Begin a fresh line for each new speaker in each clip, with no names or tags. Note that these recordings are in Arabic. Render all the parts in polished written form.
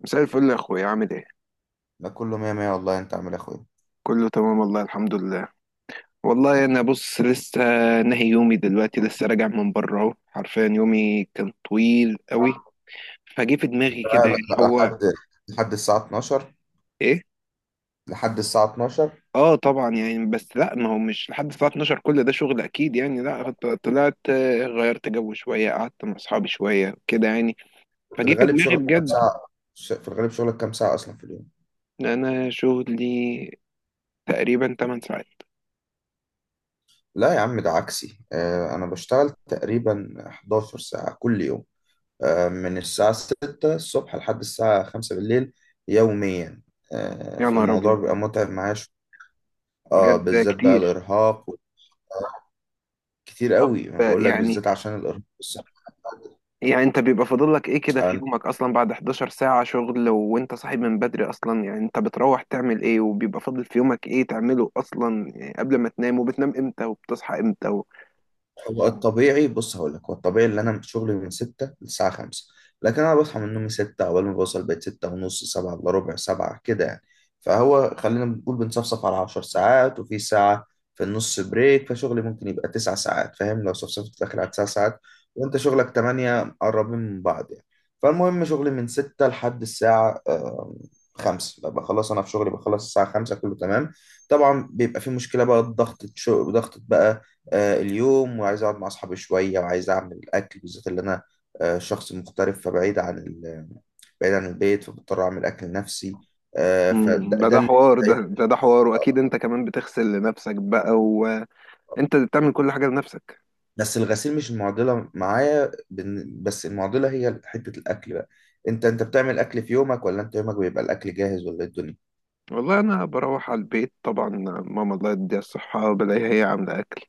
مساء الفل يا اخويا، عامل ايه؟
لا، كله مية مية والله. انت عامل يا اخويا
كله تمام والله، الحمد لله. والله انا بص، لسه نهي يومي دلوقتي، لسه راجع من بره اهو. حرفيا يومي كان طويل قوي، فجه في
لا
دماغي كده.
لا
يعني
لا
هو
لحد الساعة 12.
ايه
لحد الساعة 12.
اه طبعا يعني، بس لا ما هو مش لحد الساعه 12 كل ده شغل اكيد يعني. لا، طلعت، غيرت جو شويه، قعدت مع اصحابي شويه كده يعني.
في
فجه في
الغالب
دماغي
شغلك كام
بجد.
ساعة؟ في الغالب شغلك كام ساعة أصلا في اليوم؟
إن انا شغلي تقريبا 8 ساعات.
لا يا عم ده عكسي. أنا بشتغل تقريبا 11 ساعة كل يوم، آه من الساعة 6 الصبح لحد الساعة 5 بالليل، يوميا.
يا نهار
فالموضوع
ابيض،
بيبقى متعب معايا شوية. اه
بجد ده
بالذات بقى
كتير.
الإرهاق، كتير
طب
قوي. أنا بقول لك
يعني،
بالذات عشان الإرهاق الصحي.
يعني انت بيبقى فاضل لك ايه كده في يومك اصلا بعد 11 ساعة شغل وانت صاحب من بدري اصلا؟ يعني انت بتروح تعمل ايه، وبيبقى فاضل في يومك ايه تعمله اصلا يعني؟ قبل ما تنام، وبتنام امتى وبتصحى امتى و...
هو الطبيعي، بص هقول لك، هو الطبيعي اللي انا شغلي من 6 للساعه 5، لكن انا بصحى من نومي 6. اول ما بوصل بيت 6 ونص، 7 الا ربع، 7 كده يعني. فهو خلينا بنقول بنصفصف على 10 ساعات، وفي ساعه في النص بريك، فشغلي ممكن يبقى 9 ساعات. فاهم؟ لو صفصفت داخل على 9 ساعات وانت شغلك 8، قربين من بعض يعني. فالمهم شغلي من 6 لحد الساعه 5، بخلص، انا في شغلي بخلص الساعه 5، كله تمام. طبعا بيبقى في مشكله بقى، ضغط شغل، ضغط بقى اليوم. وعايز اقعد مع اصحابي شويه، وعايز اعمل اكل، بالذات اللي انا شخص مغترب، فبعيد عن بعيد عن البيت، فبضطر اعمل اكل لنفسي. فده
مم، ده
ده
ده
اللي
حوار، ده
بيتعبني.
ده ده حوار. واكيد انت كمان بتغسل لنفسك بقى، وانت اللي بتعمل كل حاجة لنفسك.
بس الغسيل مش المعضله معايا، بس المعضله هي حته الاكل بقى. انت بتعمل اكل في يومك، ولا انت يومك بيبقى الاكل جاهز، ولا إيه الدنيا؟
والله انا بروح على البيت طبعا، ماما الله يديها الصحة بلاقيها هي عاملة اكل،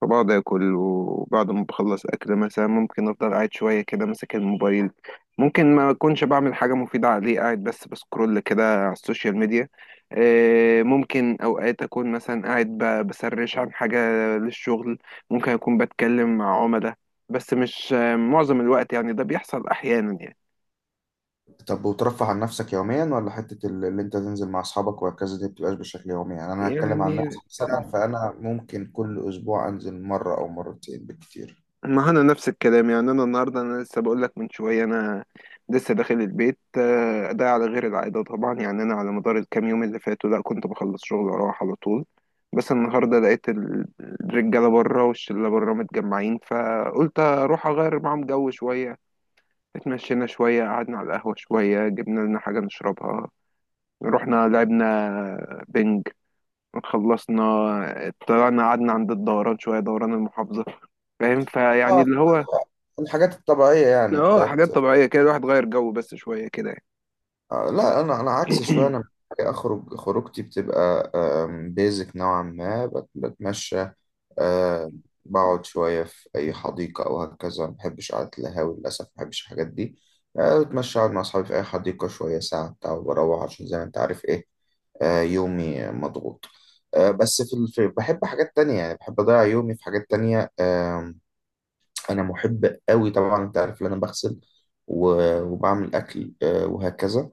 فبقعد اكل. وبعد ما بخلص اكل، مثلا ممكن افضل قاعد شويه كده ماسك الموبايل. ممكن ما اكونش بعمل حاجه مفيده عليه، قاعد بس بسكرول كده على السوشيال ميديا. ممكن اوقات اكون مثلا قاعد بسرش عن حاجه للشغل، ممكن اكون بتكلم مع عملاء. بس مش آه، معظم الوقت يعني، ده بيحصل احيانا يعني.
طب، وترفه عن نفسك يوميا، ولا حته اللي انت تنزل مع اصحابك وهكذا دي بتبقاش بشكل يومي؟ يعني انا هتكلم عن نفسي
يعني
مثلا، فانا ممكن كل اسبوع انزل مره او مرتين بالكتير.
ما انا نفس الكلام يعني. انا النهارده، انا لسه بقول لك من شويه انا لسه داخل البيت. ده على غير العاده طبعا يعني. انا على مدار الكام يوم اللي فاتوا لا، كنت بخلص شغل واروح على طول. بس النهارده لقيت الرجاله بره والشله بره متجمعين، فقلت اروح اغير معاهم جو شويه. اتمشينا شويه، قعدنا على القهوه شويه، جبنا لنا حاجه نشربها، رحنا لعبنا بنج، خلصنا طلعنا قعدنا عند الدوران شويه، دوران المحافظه. فاهم، فيعني
آه،
اللي هو
الحاجات الطبيعية يعني
اه،
بتاعت
حاجات طبيعية كده. الواحد غير جو بس شوية كده يعني.
لا، أنا عكس شوية. أنا أخرج، خروجتي بتبقى بيزك نوعا ما، بتمشى، آه، بقعد شوية في أي حديقة أو هكذا. ما بحبش قعدة القهاوي للأسف، ما بحبش الحاجات دي. بتمشى، أقعد مع أصحابي في أي حديقة شوية ساعة بتاع وبروح، عشان زي ما أنت عارف إيه، يومي مضغوط. بس في بحب حاجات تانية، يعني بحب أضيع يومي في حاجات تانية. انا محب قوي. طبعا انت عارف ان انا بغسل وبعمل اكل وهكذا.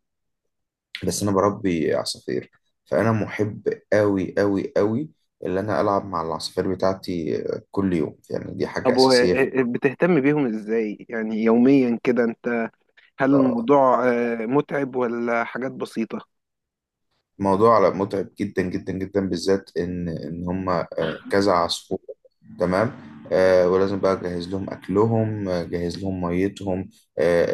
بس انا بربي عصافير، فانا محب قوي قوي قوي اللي انا العب مع العصافير بتاعتي كل يوم. يعني دي حاجة
طب و،
اساسية في
بتهتم بيهم ازاي يعني يوميا كده انت؟ هل
آه،
الموضوع متعب ولا حاجات بسيطة؟
موضوع متعب جدا جدا جدا، بالذات ان هم كذا عصفور. تمام. ولازم بقى اجهز لهم اكلهم، اجهز لهم ميتهم، آه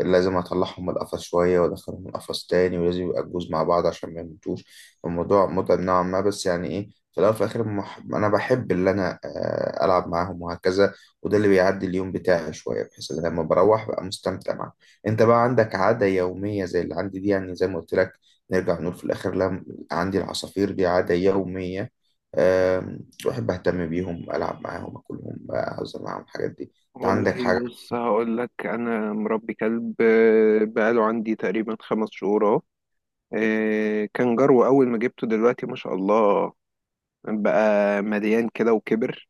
آه لازم اطلعهم من القفص شويه وادخلهم القفص تاني، ولازم يبقى الجوز مع بعض عشان ما يموتوش. الموضوع متعب نوعا ما، بس يعني ايه، في الاول وفي الاخر انا بحب اللي انا العب معاهم وهكذا. وده اللي بيعدي اليوم بتاعي شويه، بحيث ان أنا لما بروح بقى مستمتع معاهم. انت بقى عندك عاده يوميه زي اللي عندي دي؟ يعني زي ما قلت لك، نرجع نقول في الآخر، لا، عندي العصافير دي عادة يومية. بحب أهتم بيهم، ألعب معاهم، أكلهم، أهزر معاهم، الحاجات دي. أنت عندك
والله
حاجة؟
بص، هقول لك انا مربي كلب، بقاله عندي تقريبا خمس شهور اهو. كان جرو اول ما جبته، دلوقتي ما شاء الله بقى مليان كده وكبر.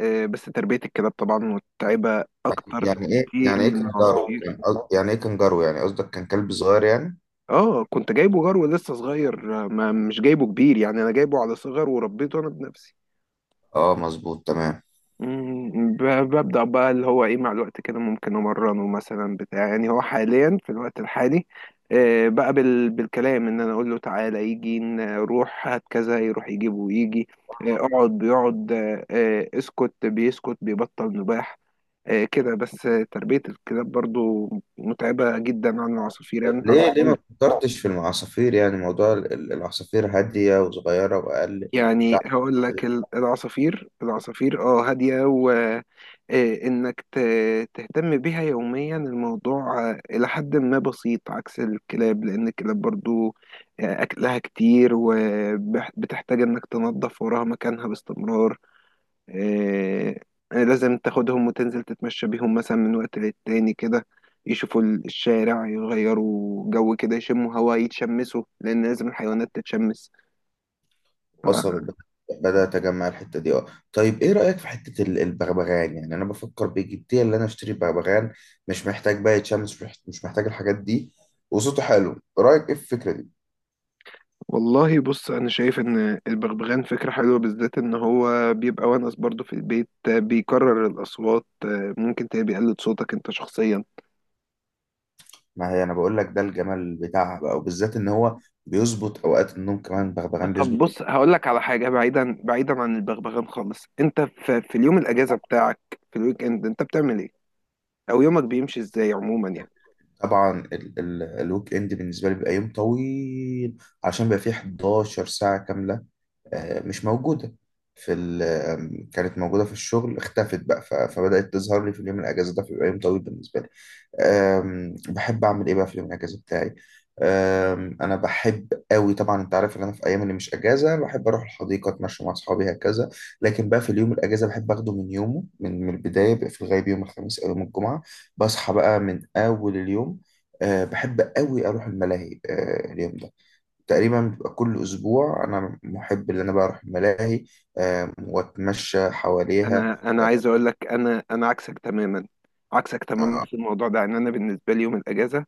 بس تربية الكلاب طبعا متعبة اكتر
يعني إيه،
بكتير
يعني إيه
من
كنجارو؟
العصافير.
كان يعني إيه كنجارو؟ يعني قصدك كان كلب صغير يعني؟
اه، كنت جايبه جرو لسه صغير، ما مش جايبه كبير يعني. انا جايبه على صغر وربيته انا بنفسي.
أه، مظبوط، تمام.
مم، ببدأ بقى اللي هو ايه مع الوقت كده، ممكن امرنه مثلا بتاع. يعني هو حاليا في الوقت الحالي، بقى بالكلام. ان انا اقول له تعالى يجي، نروح هات كذا يروح يجيب ويجي. اقعد بيقعد، اسكت بيسكت بيبطل نباح. كده بس. تربية الكلاب برضو متعبة جدا عن العصافير يعني.
طب
انت
ليه، ليه ما
عصافير،
فكرتش في العصافير؟ يعني موضوع العصافير هادية وصغيرة وأقل
يعني
بتاع.
هقول لك العصافير. العصافير اه هادية، وإنك تهتم بيها يوميا الموضوع إلى حد ما بسيط، عكس الكلاب. لأن الكلاب برضو أكلها كتير، وبتحتاج إنك تنظف وراها مكانها باستمرار. آه، لازم تاخدهم وتنزل تتمشى بيهم مثلا من وقت للتاني كده، يشوفوا الشارع، يغيروا جو كده، يشموا هوا، يتشمسوا، لأن لازم الحيوانات تتشمس.
وصلت، بدأت أجمع الحتة دي. اه، طيب إيه رأيك في حتة البغبغان؟ يعني أنا بفكر بجدية اللي أنا أشتري بغبغان. مش محتاج بقى شمس، مش محتاج الحاجات دي، وصوته حلو. رأيك إيه في الفكرة دي؟
والله بص، انا شايف ان البغبغان فكره حلوه، بالذات ان هو بيبقى ونس برضه في البيت. بيكرر الاصوات، ممكن تلاقيه بيقلد صوتك انت شخصيا.
ما هي أنا بقول لك ده الجمال بتاعها بقى، وبالذات إن هو بيظبط أوقات النوم كمان. بغبغان بيظبط
طب
أوقات.
بص، هقول لك على حاجه بعيدا، بعيدا عن البغبغان خالص. انت في، في اليوم الاجازه بتاعك، في الويك اند، انت بتعمل ايه، او يومك بيمشي ازاي عموما يعني؟
طبعا ال ال الويك إند بالنسبة لي بيبقى يوم طويل، عشان بيبقى فيه 11 ساعة كاملة مش موجودة في كانت موجودة في الشغل، اختفت بقى، فبدأت تظهر لي في اليوم الأجازة. ده بيبقى يوم طويل بالنسبة لي. بحب أعمل إيه بقى في اليوم الأجازة بتاعي؟ أنا بحب قوي. طبعا أنت عارف إن أنا في أيام اللي مش أجازة بحب أروح الحديقة أتمشى مع أصحابي هكذا، لكن بقى في اليوم الأجازة بحب أخده من يومه، من البداية. بيبقى في الغالب يوم الخميس أو يوم الجمعة، بصحى بقى من أول اليوم. بحب قوي أروح الملاهي اليوم ده. تقريبا بتبقى كل أسبوع أنا محب إن أنا بروح الملاهي وأتمشى حواليها.
انا عايز اقول لك، انا عكسك تماما، عكسك تماما
آه،
في الموضوع ده. ان انا بالنسبه لي يوم الاجازه،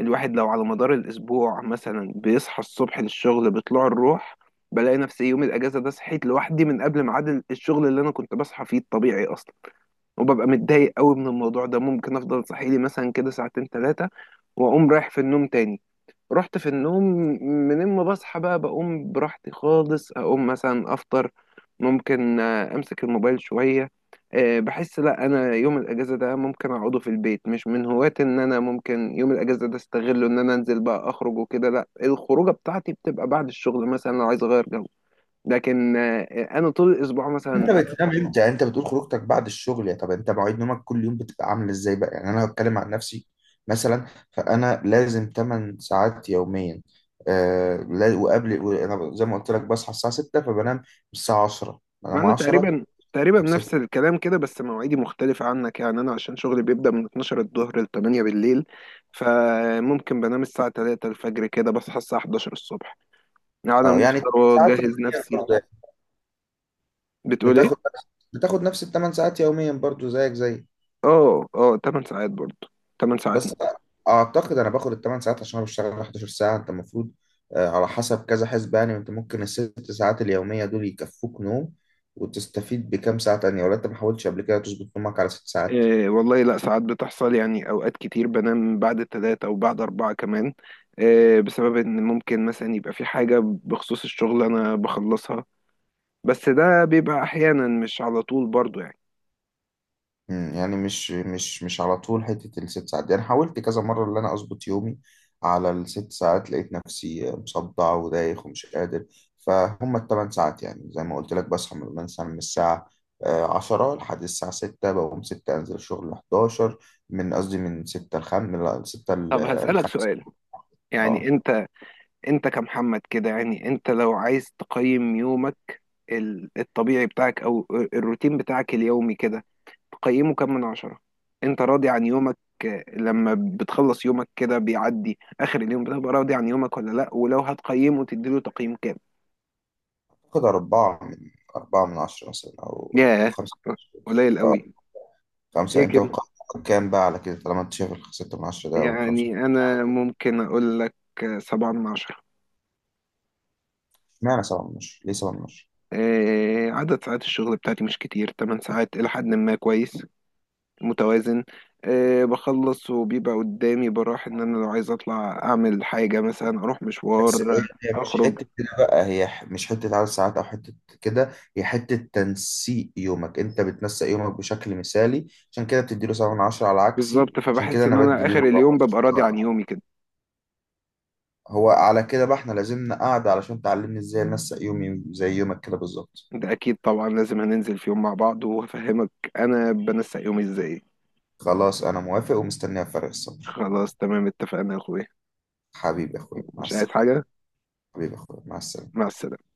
الواحد لو على مدار الأسبوع مثلا بيصحى الصبح للشغل بطلوع الروح، بلاقي نفسي يوم الأجازة ده صحيت لوحدي من قبل ميعاد الشغل اللي أنا كنت بصحى فيه الطبيعي أصلا، وببقى متضايق قوي من الموضوع ده. ممكن أفضل صاحي لي مثلا كده ساعتين ثلاثة وأقوم رايح في النوم تاني. رحت في النوم، من ما بصحى بقى بقوم براحتي خالص. اقوم مثلا افطر، ممكن امسك الموبايل شوية. بحس لا انا يوم الاجازة ده ممكن اقعده في البيت. مش من هواة ان انا ممكن يوم الاجازة ده استغله ان انا انزل بقى اخرج وكده. لا، الخروجة بتاعتي بتبقى بعد الشغل مثلا لو عايز اغير جو. لكن انا طول الاسبوع
أنت
مثلا،
بتنام إمتى؟ أنت بتقول خروجتك بعد الشغل. يا طب أنت مواعيد نومك كل يوم بتبقى عاملة إزاي بقى؟ يعني أنا هتكلم عن نفسي مثلا، فأنا لازم 8 ساعات يوميا. وقبل، أنا زي ما قلت لك بصحى الساعة 6، فبنام الساعة 10.
ما
بنام
انا
10،
تقريبا
طب 6،
نفس الكلام كده، بس مواعيدي مختلفة عنك يعني. انا عشان شغلي بيبدأ من 12 الظهر ل 8 بالليل، فممكن بنام الساعة 3 الفجر كده، بصحى الساعة 11 الصبح، قاعد
أه يعني
مفطر
ساعات
واجهز
يوميا
نفسي.
برضه يعني.
بتقول ايه؟
بتاخد، بتاخد نفس الثمان ساعات يوميا برضه، زيك زيك.
اه 8 ساعات برضه، 8 ساعات.
بس اعتقد انا باخد الثمان ساعات عشان انا بشتغل 11 ساعه. انت المفروض على حسب كذا حسبة يعني، انت ممكن الست ساعات اليوميه دول يكفوك نوم وتستفيد بكام ساعه تانية. ولا انت ما حاولتش قبل كده تظبط نومك على ست ساعات؟
إيه والله، لا ساعات بتحصل يعني، اوقات كتير بنام بعد الثلاثة او بعد اربعة كمان. إيه، بسبب ان ممكن مثلا يبقى في حاجة بخصوص الشغل انا بخلصها. بس ده بيبقى احيانا، مش على طول برضه يعني.
يعني مش على طول حتة الست ساعات دي. أنا حاولت كذا مرة إن أنا أظبط يومي على الست ساعات، لقيت نفسي مصدع ودايخ ومش قادر. فهم التمن ساعات يعني زي ما قلت لك، بصحى من مثلا من الساعة عشرة لحد الساعة ستة، بقوم ستة أنزل الشغل لحداشر. من قصدي من ستة لخم من لا، ستة
طب هسألك
لخمسة.
سؤال، يعني
أه
انت، انت كمحمد كده، يعني انت لو عايز تقيم يومك، الطبيعي بتاعك او الروتين بتاعك اليومي كده، تقيمه كام من عشرة؟ انت راضي عن يومك لما بتخلص يومك كده بيعدي اخر اليوم، بتبقى راضي عن يومك ولا لا، ولو هتقيمه تديله تقييم كام؟
كده أربعة من، أربعة من عشرة مثلا، أو أو
ياه،
خمسة.
قليل
أه
قوي. ليه
خمسة. أنت
كده؟
بتقعد كام بقى على كده طالما أنت شايف الستة من عشرة ده أو خمسة؟
يعني انا ممكن اقول لك سبعة من عشرة.
اشمعنى سبعة من عشرة؟ ليه سبعة من عشرة؟
عدد ساعات الشغل بتاعتي مش كتير، 8 ساعات إلى حد ما كويس، متوازن. أه بخلص وبيبقى قدامي براح، ان انا لو عايز اطلع اعمل حاجة، مثلا اروح
بس
مشوار،
هي، هي مش
اخرج.
حتة كده بقى، هي مش حتة عدد ساعات أو حتة كده، هي حتة تنسيق يومك. أنت بتنسق يومك بشكل مثالي، عشان كده بتديله سبعة من عشرة. على عكسي،
بالظبط،
عشان كده
فبحس ان
أنا بدي
انا
اليوم
اخر
أربعة
اليوم ببقى
من
راضي عن
عشرة.
يومي كده.
هو على كده بقى إحنا لازمنا قاعدة علشان تعلمني إزاي أنسق يومي زي يومك كده بالظبط.
ده اكيد طبعا، لازم هننزل في يوم مع بعض وهفهمك انا بنسق يومي ازاي.
خلاص أنا موافق ومستنيها بفارغ الصبر.
خلاص تمام، اتفقنا يا اخويا.
حبيبي يا أخويا، مع
مش عايز
السلامة.
حاجة،
حبيبي يا أخويا، مع
مع
السلامة.
السلامة.